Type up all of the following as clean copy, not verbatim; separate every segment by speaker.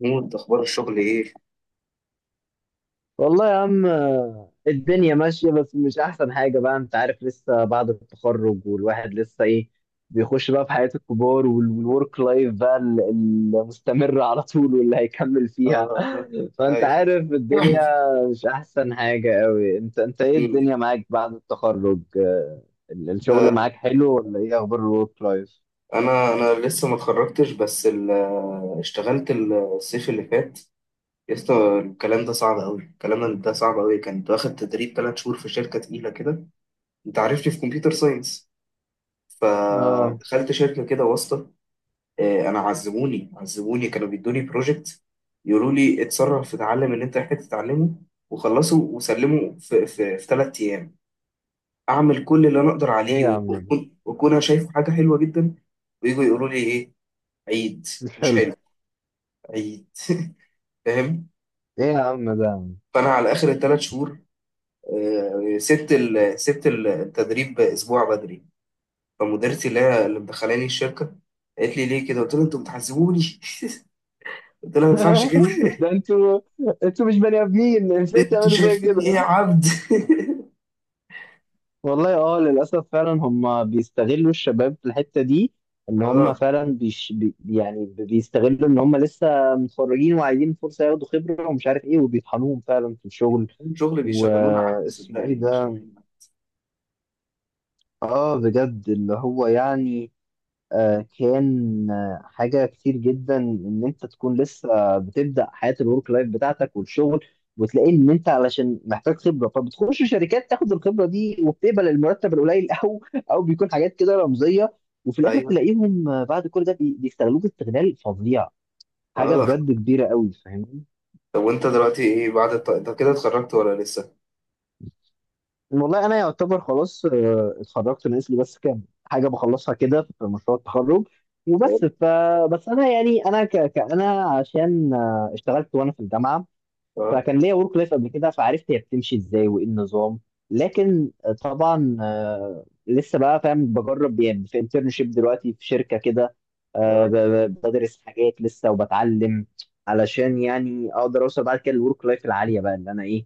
Speaker 1: محمود، اخبار الشغل ايه؟
Speaker 2: والله يا عم الدنيا ماشية بس مش أحسن حاجة بقى. أنت عارف لسه بعد التخرج والواحد لسه بيخش بقى في حياة الكبار والورك لايف بقى المستمرة على طول واللي هيكمل فيها
Speaker 1: آه.
Speaker 2: فأنت
Speaker 1: هاي.
Speaker 2: عارف الدنيا مش أحسن حاجة أوي. أنت إيه
Speaker 1: مم.
Speaker 2: الدنيا معاك بعد التخرج؟ الشغل
Speaker 1: آه.
Speaker 2: معاك حلو ولا إيه أخبار الورك لايف؟
Speaker 1: انا لسه ما اتخرجتش بس اشتغلت الصيف اللي فات. لسه الكلام ده صعب قوي، الكلام ده صعب قوي. كنت واخد تدريب 3 شهور في شركه تقيله كده. انت عارفني في كمبيوتر ساينس،
Speaker 2: آه.
Speaker 1: فدخلت شركه كده واسطه. انا عذبوني عذبوني، كانوا بيدوني بروجكت يقولوا لي اتصرف، اتعلم اللي انت محتاج تتعلمه، وخلصه وسلمه في 3 ايام، اعمل كل اللي انا اقدر
Speaker 2: إيه
Speaker 1: عليه،
Speaker 2: يا عم ده؟
Speaker 1: واكون انا شايفه حاجه حلوه جدا. ويجوا يقولوا لي ايه؟ عيد.
Speaker 2: مش
Speaker 1: مش
Speaker 2: حلو.
Speaker 1: حلو. عيد. فاهم.
Speaker 2: إيه يا عم ده؟
Speaker 1: فانا على اخر الثلاث شهور، سبت التدريب اسبوع بدري. فمديرتي اللي هي اللي مدخلاني الشركه قالت لي ليه كده، قلت لها انتوا بتحذبوني. قلت لها ما ينفعش كده.
Speaker 2: ده انتوا، انتوا مش بني ادمين، ازاي
Speaker 1: انتوا
Speaker 2: تعملوا فيا
Speaker 1: شايفيني ايه يا
Speaker 2: كده.
Speaker 1: عبد؟
Speaker 2: والله اه، للاسف فعلا هم بيستغلوا الشباب في الحته دي. ان هم
Speaker 1: اه.
Speaker 2: فعلا بيش بي يعني بيستغلوا ان هم لسه متخرجين وعايزين فرصه ياخدوا خبره ومش عارف ايه، وبيطحنوهم فعلا في الشغل.
Speaker 1: شغل بيشغلونا، عبد
Speaker 2: واسمه ايه
Speaker 1: صدقني
Speaker 2: ده؟
Speaker 1: بيشغلونا.
Speaker 2: اه بجد. اللي هو يعني كان حاجة كتير جدا إن أنت تكون لسه بتبدأ حياة الورك لايف بتاعتك والشغل، وتلاقي إن أنت علشان محتاج خبرة فبتخش شركات تاخد الخبرة دي، وبتقبل المرتب القليل أو أو بيكون حاجات كده رمزية. وفي الآخر
Speaker 1: ايوه.
Speaker 2: تلاقيهم بعد كل ده بيستغلوك استغلال فظيع. حاجة
Speaker 1: اه.
Speaker 2: بجد كبيرة قوي، فاهمني.
Speaker 1: طب وانت دلوقتي ايه بعد انت كده اتخرجت ولا لسه؟
Speaker 2: والله انا يعتبر خلاص اتخرجت، ناقص لي بس كام حاجه بخلصها كده في مشروع التخرج
Speaker 1: طيب.
Speaker 2: وبس. بس انا يعني انا عشان اشتغلت وانا في الجامعه،
Speaker 1: اه.
Speaker 2: فكان ليا ورك لايف قبل كده، فعرفت هي بتمشي ازاي وايه النظام. لكن طبعا لسه بقى فاهم، بجرب يعني في انترنشيب دلوقتي في شركه كده.
Speaker 1: آه.
Speaker 2: بدرس حاجات لسه وبتعلم، علشان يعني اقدر اوصل بعد كده للورك لايف العاليه بقى اللي انا ايه،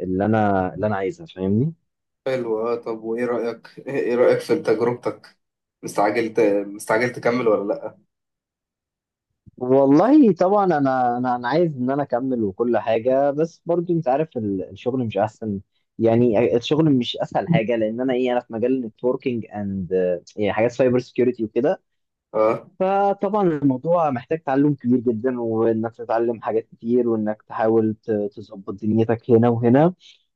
Speaker 2: اللي انا عايزها، فاهمني.
Speaker 1: حلو. آه. طب وايه رأيك ايه رأيك في تجربتك؟ مستعجل ت... مستعجل تكمل ولا لا؟
Speaker 2: والله طبعا انا عايز ان انا اكمل وكل حاجه، بس برضو انت عارف الشغل مش احسن. يعني الشغل مش اسهل حاجه لان انا ايه، انا في مجال النتوركينج اند، يعني حاجات سايبر سكيورتي وكده.
Speaker 1: اه.
Speaker 2: فطبعا الموضوع محتاج تعلم كبير جدا، وانك تتعلم حاجات كتير، وانك تحاول تظبط دنيتك هنا وهنا.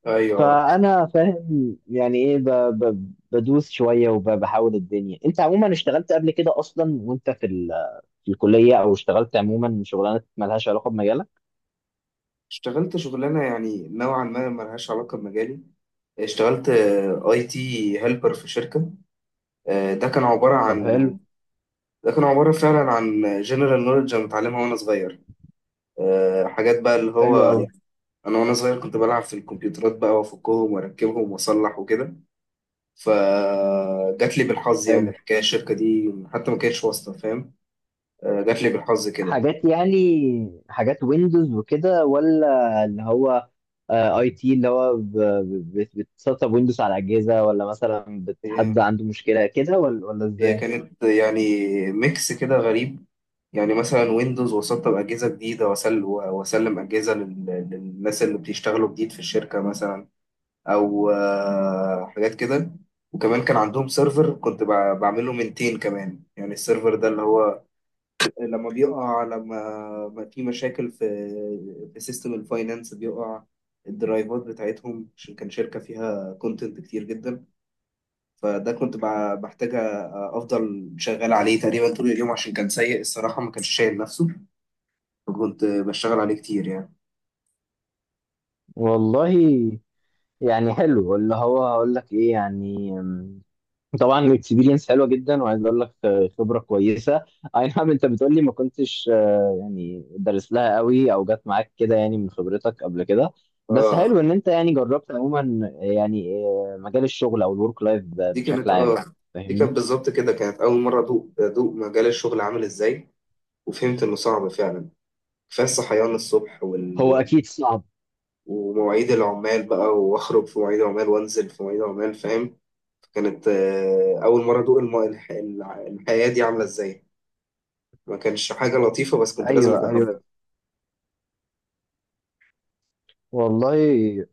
Speaker 1: ايوه.
Speaker 2: فانا فاهم يعني ايه بدوس شويه وبحاول الدنيا. انت عموما اشتغلت قبل كده اصلا وانت في ال، في الكلية، أو اشتغلت عموما شغلانات مالهاش علاقة بمجالك؟
Speaker 1: اشتغلت شغلانه يعني نوعا ما ملهاش علاقه بمجالي. اشتغلت IT هيلبر في شركه. ده كان عباره
Speaker 2: طب
Speaker 1: عن.
Speaker 2: حلو.
Speaker 1: ده كان عباره فعلا عن جنرال نوليدج انا متعلمها وانا صغير. حاجات بقى اللي هو
Speaker 2: حلو قوي.
Speaker 1: يعني انا وانا صغير كنت بلعب في الكمبيوترات بقى وافكهم واركبهم واصلح وكده. فجات لي بالحظ يعني
Speaker 2: حلو.
Speaker 1: الحكايه، الشركه دي حتى ما كانتش واسطه، فاهم. جات لي بالحظ كده.
Speaker 2: حاجات يعني، حاجات ويندوز وكده ولا؟ اللي هو اي تي اللي هو بتسطب ويندوز على أجهزة، ولا مثلا
Speaker 1: هي
Speaker 2: حد عنده مشكلة كده، ولا ولا
Speaker 1: هي
Speaker 2: إزاي؟
Speaker 1: كانت يعني ميكس كده غريب. يعني مثلا ويندوز، وسطب أجهزة جديدة، وأسلم أجهزة للناس اللي بيشتغلوا جديد في الشركة مثلا. أو حاجات كده. وكمان كان عندهم سيرفر كنت بعمله منتين كمان. يعني السيرفر ده اللي هو لما بيقع، لما ما في مشاكل في سيستم الفاينانس بيقع الدرايفات بتاعتهم عشان كان شركة فيها كونتنت كتير جدا. فده كنت محتاج افضل شغال عليه تقريبا طول اليوم عشان كان سيء الصراحه، ما كانش شايل نفسه. فكنت بشتغل عليه كتير يعني.
Speaker 2: والله يعني حلو. اللي هو هقول لك إيه يعني، طبعا اكسبيرينس حلوه جدا، وعايز اقول لك خبره كويسه. اي نعم انت بتقول لي ما كنتش يعني دارس لها قوي، او جت معاك كده يعني من خبرتك قبل كده. بس
Speaker 1: اه.
Speaker 2: حلو ان انت يعني جربت عموما يعني مجال الشغل او الورك لايف
Speaker 1: دي
Speaker 2: بشكل
Speaker 1: كانت
Speaker 2: عام،
Speaker 1: اه دي كانت
Speaker 2: فاهمني.
Speaker 1: بالظبط كده، كانت اول مره ادوق ادوق مجال الشغل عامل ازاي، وفهمت انه صعب فعلا. كفايه الصحيان الصبح
Speaker 2: هو اكيد صعب.
Speaker 1: ومواعيد العمال بقى، واخرج في مواعيد عمال، وانزل في مواعيد عمال، فاهم. كانت اول مره ادوق الحياه دي عامله ازاي. ما كانش حاجه لطيفه بس كنت لازم
Speaker 2: ايوه
Speaker 1: اجربها.
Speaker 2: ايوه. والله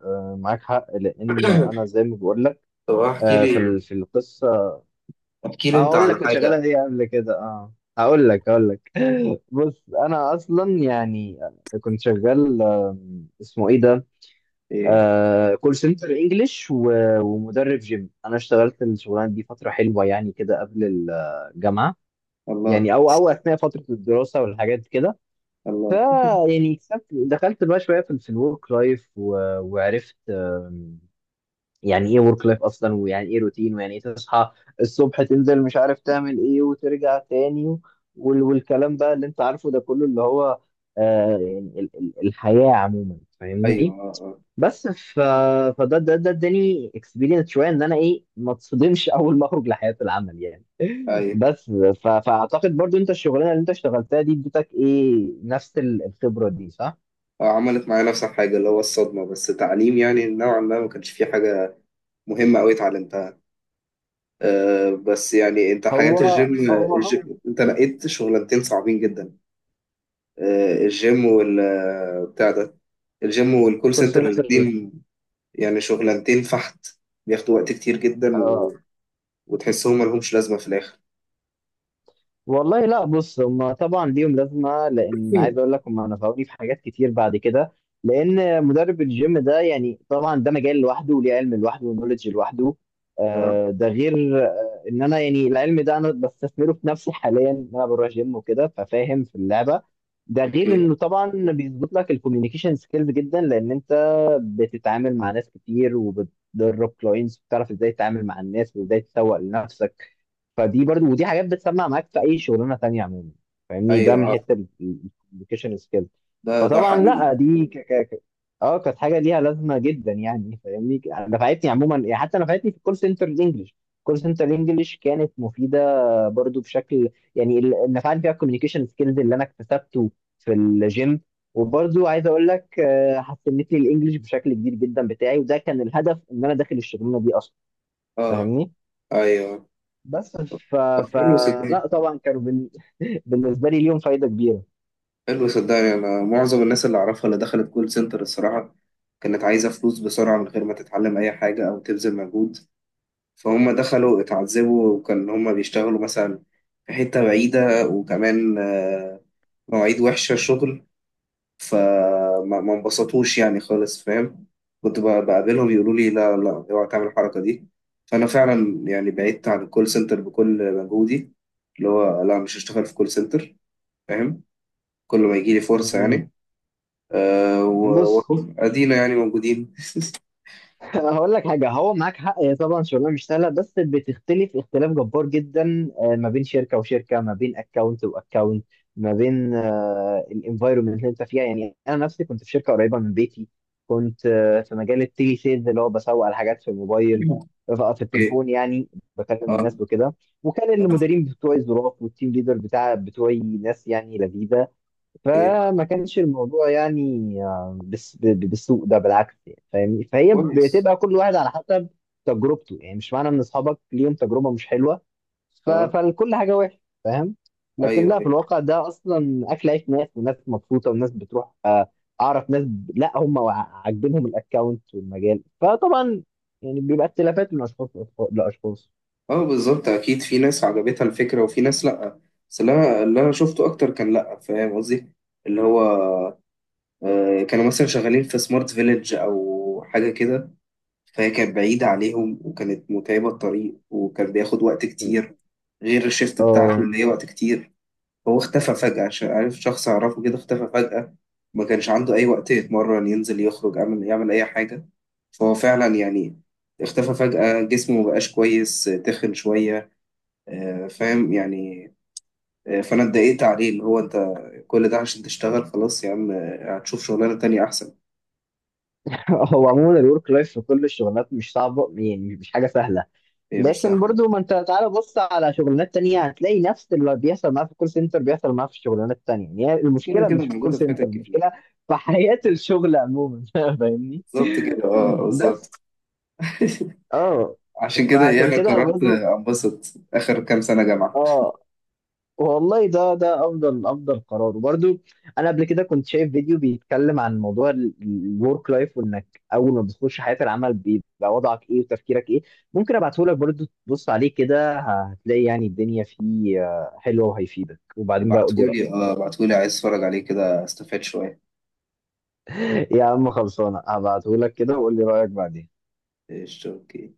Speaker 2: معاك حق، لان انا زي ما بقول لك
Speaker 1: طب احكي
Speaker 2: في
Speaker 1: لي،
Speaker 2: ال، في القصه.
Speaker 1: احكي لي انت
Speaker 2: اقول لك
Speaker 1: على
Speaker 2: كنت
Speaker 1: حاجة.
Speaker 2: شغاله ايه قبل كده؟ اه هقول لك، هقول لك. بص انا اصلا يعني كنت شغال اسمه ايه ده،
Speaker 1: ايه.
Speaker 2: آه كول سنتر انجلش، ومدرب جيم. انا اشتغلت الشغلانه دي فتره حلوه يعني كده قبل الجامعه.
Speaker 1: الله
Speaker 2: يعني او اثناء فتره الدراسه والحاجات كده. ف
Speaker 1: الله.
Speaker 2: يعني اكتسبت، دخلت بقى شويه في الورك لايف، وعرفت يعني ايه ورك لايف اصلا، ويعني ايه روتين، ويعني ايه تصحى الصبح تنزل مش عارف تعمل ايه وترجع تاني، والكلام بقى اللي انت عارفه ده كله اللي هو يعني الحياة عموما،
Speaker 1: ايوه.
Speaker 2: فاهمني.
Speaker 1: اه.
Speaker 2: بس فده ده اداني اكسبيرينس شويه ان انا ايه، ما اتصدمش اول ما اخرج لحياه العمل يعني.
Speaker 1: اه. ايوه.
Speaker 2: بس فاعتقد برضو انت الشغلانه اللي انت اشتغلتها دي اديتك ايه، نفس الخبره دي، صح؟
Speaker 1: عملت معايا نفس الحاجة، اللي هو الصدمة، بس تعليم يعني نوعا ما، ما كانش فيه حاجة مهمة أوي اتعلمتها. أه، بس يعني أنت حياة
Speaker 2: هو،
Speaker 1: الجيم،
Speaker 2: هو
Speaker 1: الجيم أنت لقيت شغلانتين صعبين جدا. أه، الجيم وال آه، بتاع ده، الجيم والكول
Speaker 2: كول
Speaker 1: سنتر،
Speaker 2: سنتر.
Speaker 1: الاتنين. يعني شغلانتين فحت، بياخدوا وقت كتير جدا، و... وتحسهم ملهمش لازمة في الآخر.
Speaker 2: والله لا، بص، هم طبعا ليهم لازمه. لان
Speaker 1: إيه.
Speaker 2: عايز اقول لك هم نفعوني في حاجات كتير بعد كده. لان مدرب الجيم ده يعني طبعا ده مجال لوحده، وليه علم لوحده، ونولج لوحده.
Speaker 1: اه.
Speaker 2: ده غير ان انا يعني العلم ده انا بستثمره في نفسي حاليا، ان انا بروح جيم وكده، ففاهم في اللعبه. ده
Speaker 1: اوكي.
Speaker 2: غير انه طبعا بيظبط لك الكوميونيكيشن سكيلز جدا، لان انت بتتعامل مع ناس كتير، وبتدرب كلاينتس، بتعرف ازاي تتعامل مع الناس وازاي تسوق لنفسك. فدي برضو، ودي حاجات بتسمع معاك في اي شغلانه تانية عموما، فاهمني. ده
Speaker 1: ايوه.
Speaker 2: من
Speaker 1: اه.
Speaker 2: حته الكوميونيكيشن سكيل.
Speaker 1: ده
Speaker 2: فطبعا
Speaker 1: حقيقي.
Speaker 2: لا، دي اه كانت حاجه ليها لازمه جدا يعني، فاهمني. نفعتني عموما يعني، حتى نفعتني في الكول سنتر الانجليش. الكول سنتر الانجليش كانت مفيده برضو بشكل يعني، نفعني فيها الكوميونيكيشن سكيلز اللي انا اكتسبته في الجيم. وبرضو عايز اقول لك حسنت لي الانجليش بشكل كبير جدا بتاعي، وده كان الهدف ان انا داخل الشغلانه دي اصلا،
Speaker 1: اه.
Speaker 2: فاهمني.
Speaker 1: ايوه.
Speaker 2: بس ف...
Speaker 1: طب
Speaker 2: ف...
Speaker 1: حلو صدقني.
Speaker 2: لا طبعا بالنسبه لي ليهم فايده كبيره.
Speaker 1: حلو صدقني، انا معظم الناس اللي اعرفها اللي دخلت كول سنتر الصراحه كانت عايزه فلوس بسرعه من غير ما تتعلم اي حاجه او تبذل مجهود. فهم دخلوا اتعذبوا، وكان هم بيشتغلوا مثلا في حته بعيده، وكمان مواعيد وحشه شغل. فما ما انبسطوش يعني خالص، فاهم. كنت بقابلهم يقولوا لي لا، لا اوعى تعمل الحركه دي. فانا فعلا يعني بعدت عن الكول سنتر بكل مجهودي، اللي هو لا، مش هشتغل في كول سنتر، فاهم. كل ما يجي لي فرصة
Speaker 2: أمم،
Speaker 1: يعني. أه،
Speaker 2: بص
Speaker 1: وأهو أدينا يعني موجودين.
Speaker 2: هقول لك حاجة، هو معاك حق. هي طبعا شغلانة مش سهلة، بس بتختلف اختلاف جبار جدا ما بين شركة وشركة، ما بين اكونت واكونت، ما بين الانفايرومنت اللي انت فيها. يعني انا نفسي كنت في شركة قريبة من بيتي، كنت في مجال التيلي سيلز اللي هو بسوق على حاجات في الموبايل، في
Speaker 1: أوكي.
Speaker 2: التليفون يعني، بكلم
Speaker 1: أه.
Speaker 2: الناس وكده. وكان
Speaker 1: آه.
Speaker 2: المديرين بتوعي ظراف، والتيم ليدر بتاع بتوعي ناس يعني لذيذة.
Speaker 1: أوكي.
Speaker 2: فما كانش الموضوع يعني بالسوء ده، بالعكس يعني، فاهمني. فهي
Speaker 1: كويس.
Speaker 2: بتبقى كل واحد على حسب تجربته، يعني مش معنى ان اصحابك ليهم تجربه مش حلوه
Speaker 1: أه.
Speaker 2: فالكل حاجه وحشه، فاهم؟
Speaker 1: أيوه.
Speaker 2: لكن لا، في
Speaker 1: أيوه.
Speaker 2: الواقع ده اصلا اكل عيش ناس، وناس مبسوطه، وناس بتروح اعرف ناس لا هم عاجبينهم الاكونت والمجال. فطبعا يعني بيبقى اختلافات من اشخاص لأشخاص لاشخاص.
Speaker 1: أه. بالظبط، أكيد في ناس عجبتها الفكرة وفي ناس لأ. بس اللي أنا شفته أكتر كان لأ، فاهم قصدي. اللي هو أه، كانوا مثلا شغالين في سمارت فيليج أو حاجة كده، فهي كانت بعيدة عليهم، وكانت متعبة الطريق، وكان بياخد وقت
Speaker 2: م.
Speaker 1: كتير، غير الشيفت
Speaker 2: آه،
Speaker 1: بتاعته اللي هي وقت كتير. هو اختفى فجأة عشان عارف شخص أعرفه كده اختفى فجأة. ما كانش عنده أي وقت يتمرن، ينزل، يخرج، يعمل يعمل أي حاجة. فهو فعلا يعني اختفى فجأة، جسمه مبقاش كويس، تخن شوية. فاهم يعني. فأنا اتضايقت عليه، اللي هو أنت كل ده عشان تشتغل؟ خلاص يا عم، هتشوف شغلانة تانية أحسن.
Speaker 2: هو عموما الورك لايف في كل الشغلات مش صعبه يعني، مش حاجه سهله.
Speaker 1: هي مش
Speaker 2: لكن
Speaker 1: سهلة.
Speaker 2: برضو ما انت تعالى بص على شغلانات تانية هتلاقي نفس اللي بيحصل معاه في الكول سنتر بيحصل معاه في الشغلانات التانية. يعني هي
Speaker 1: كده
Speaker 2: المشكلة
Speaker 1: كده
Speaker 2: مش في الكول
Speaker 1: موجودة في
Speaker 2: سنتر،
Speaker 1: حتت كتير.
Speaker 2: المشكلة في حياة الشغل عموما، فاهمني.
Speaker 1: بالظبط كده، اه بالظبط.
Speaker 2: بس اه.
Speaker 1: عشان كده، إيه،
Speaker 2: فعشان
Speaker 1: أنا
Speaker 2: كده انا
Speaker 1: قررت
Speaker 2: برضو
Speaker 1: أنبسط آخر كام سنة جامعة.
Speaker 2: اه. والله ده ده افضل افضل قرار، وبرده انا قبل كده كنت شايف فيديو بيتكلم عن موضوع الورك لايف، وانك اول ما بتخش حياه العمل بيبقى وضعك ايه وتفكيرك ايه. ممكن ابعته لك برده تبص عليه كده، هتلاقي يعني الدنيا فيه حلوه وهيفيدك، وبعدين بقى قول لي
Speaker 1: ابعتهولي
Speaker 2: رايك.
Speaker 1: اه ابعتهولي، عايز اتفرج عليه كده، استفاد شوية.
Speaker 2: يا عم خلصانه، هبعته لك كده وقول لي رايك بعدين.
Speaker 1: قشطة، اوكي.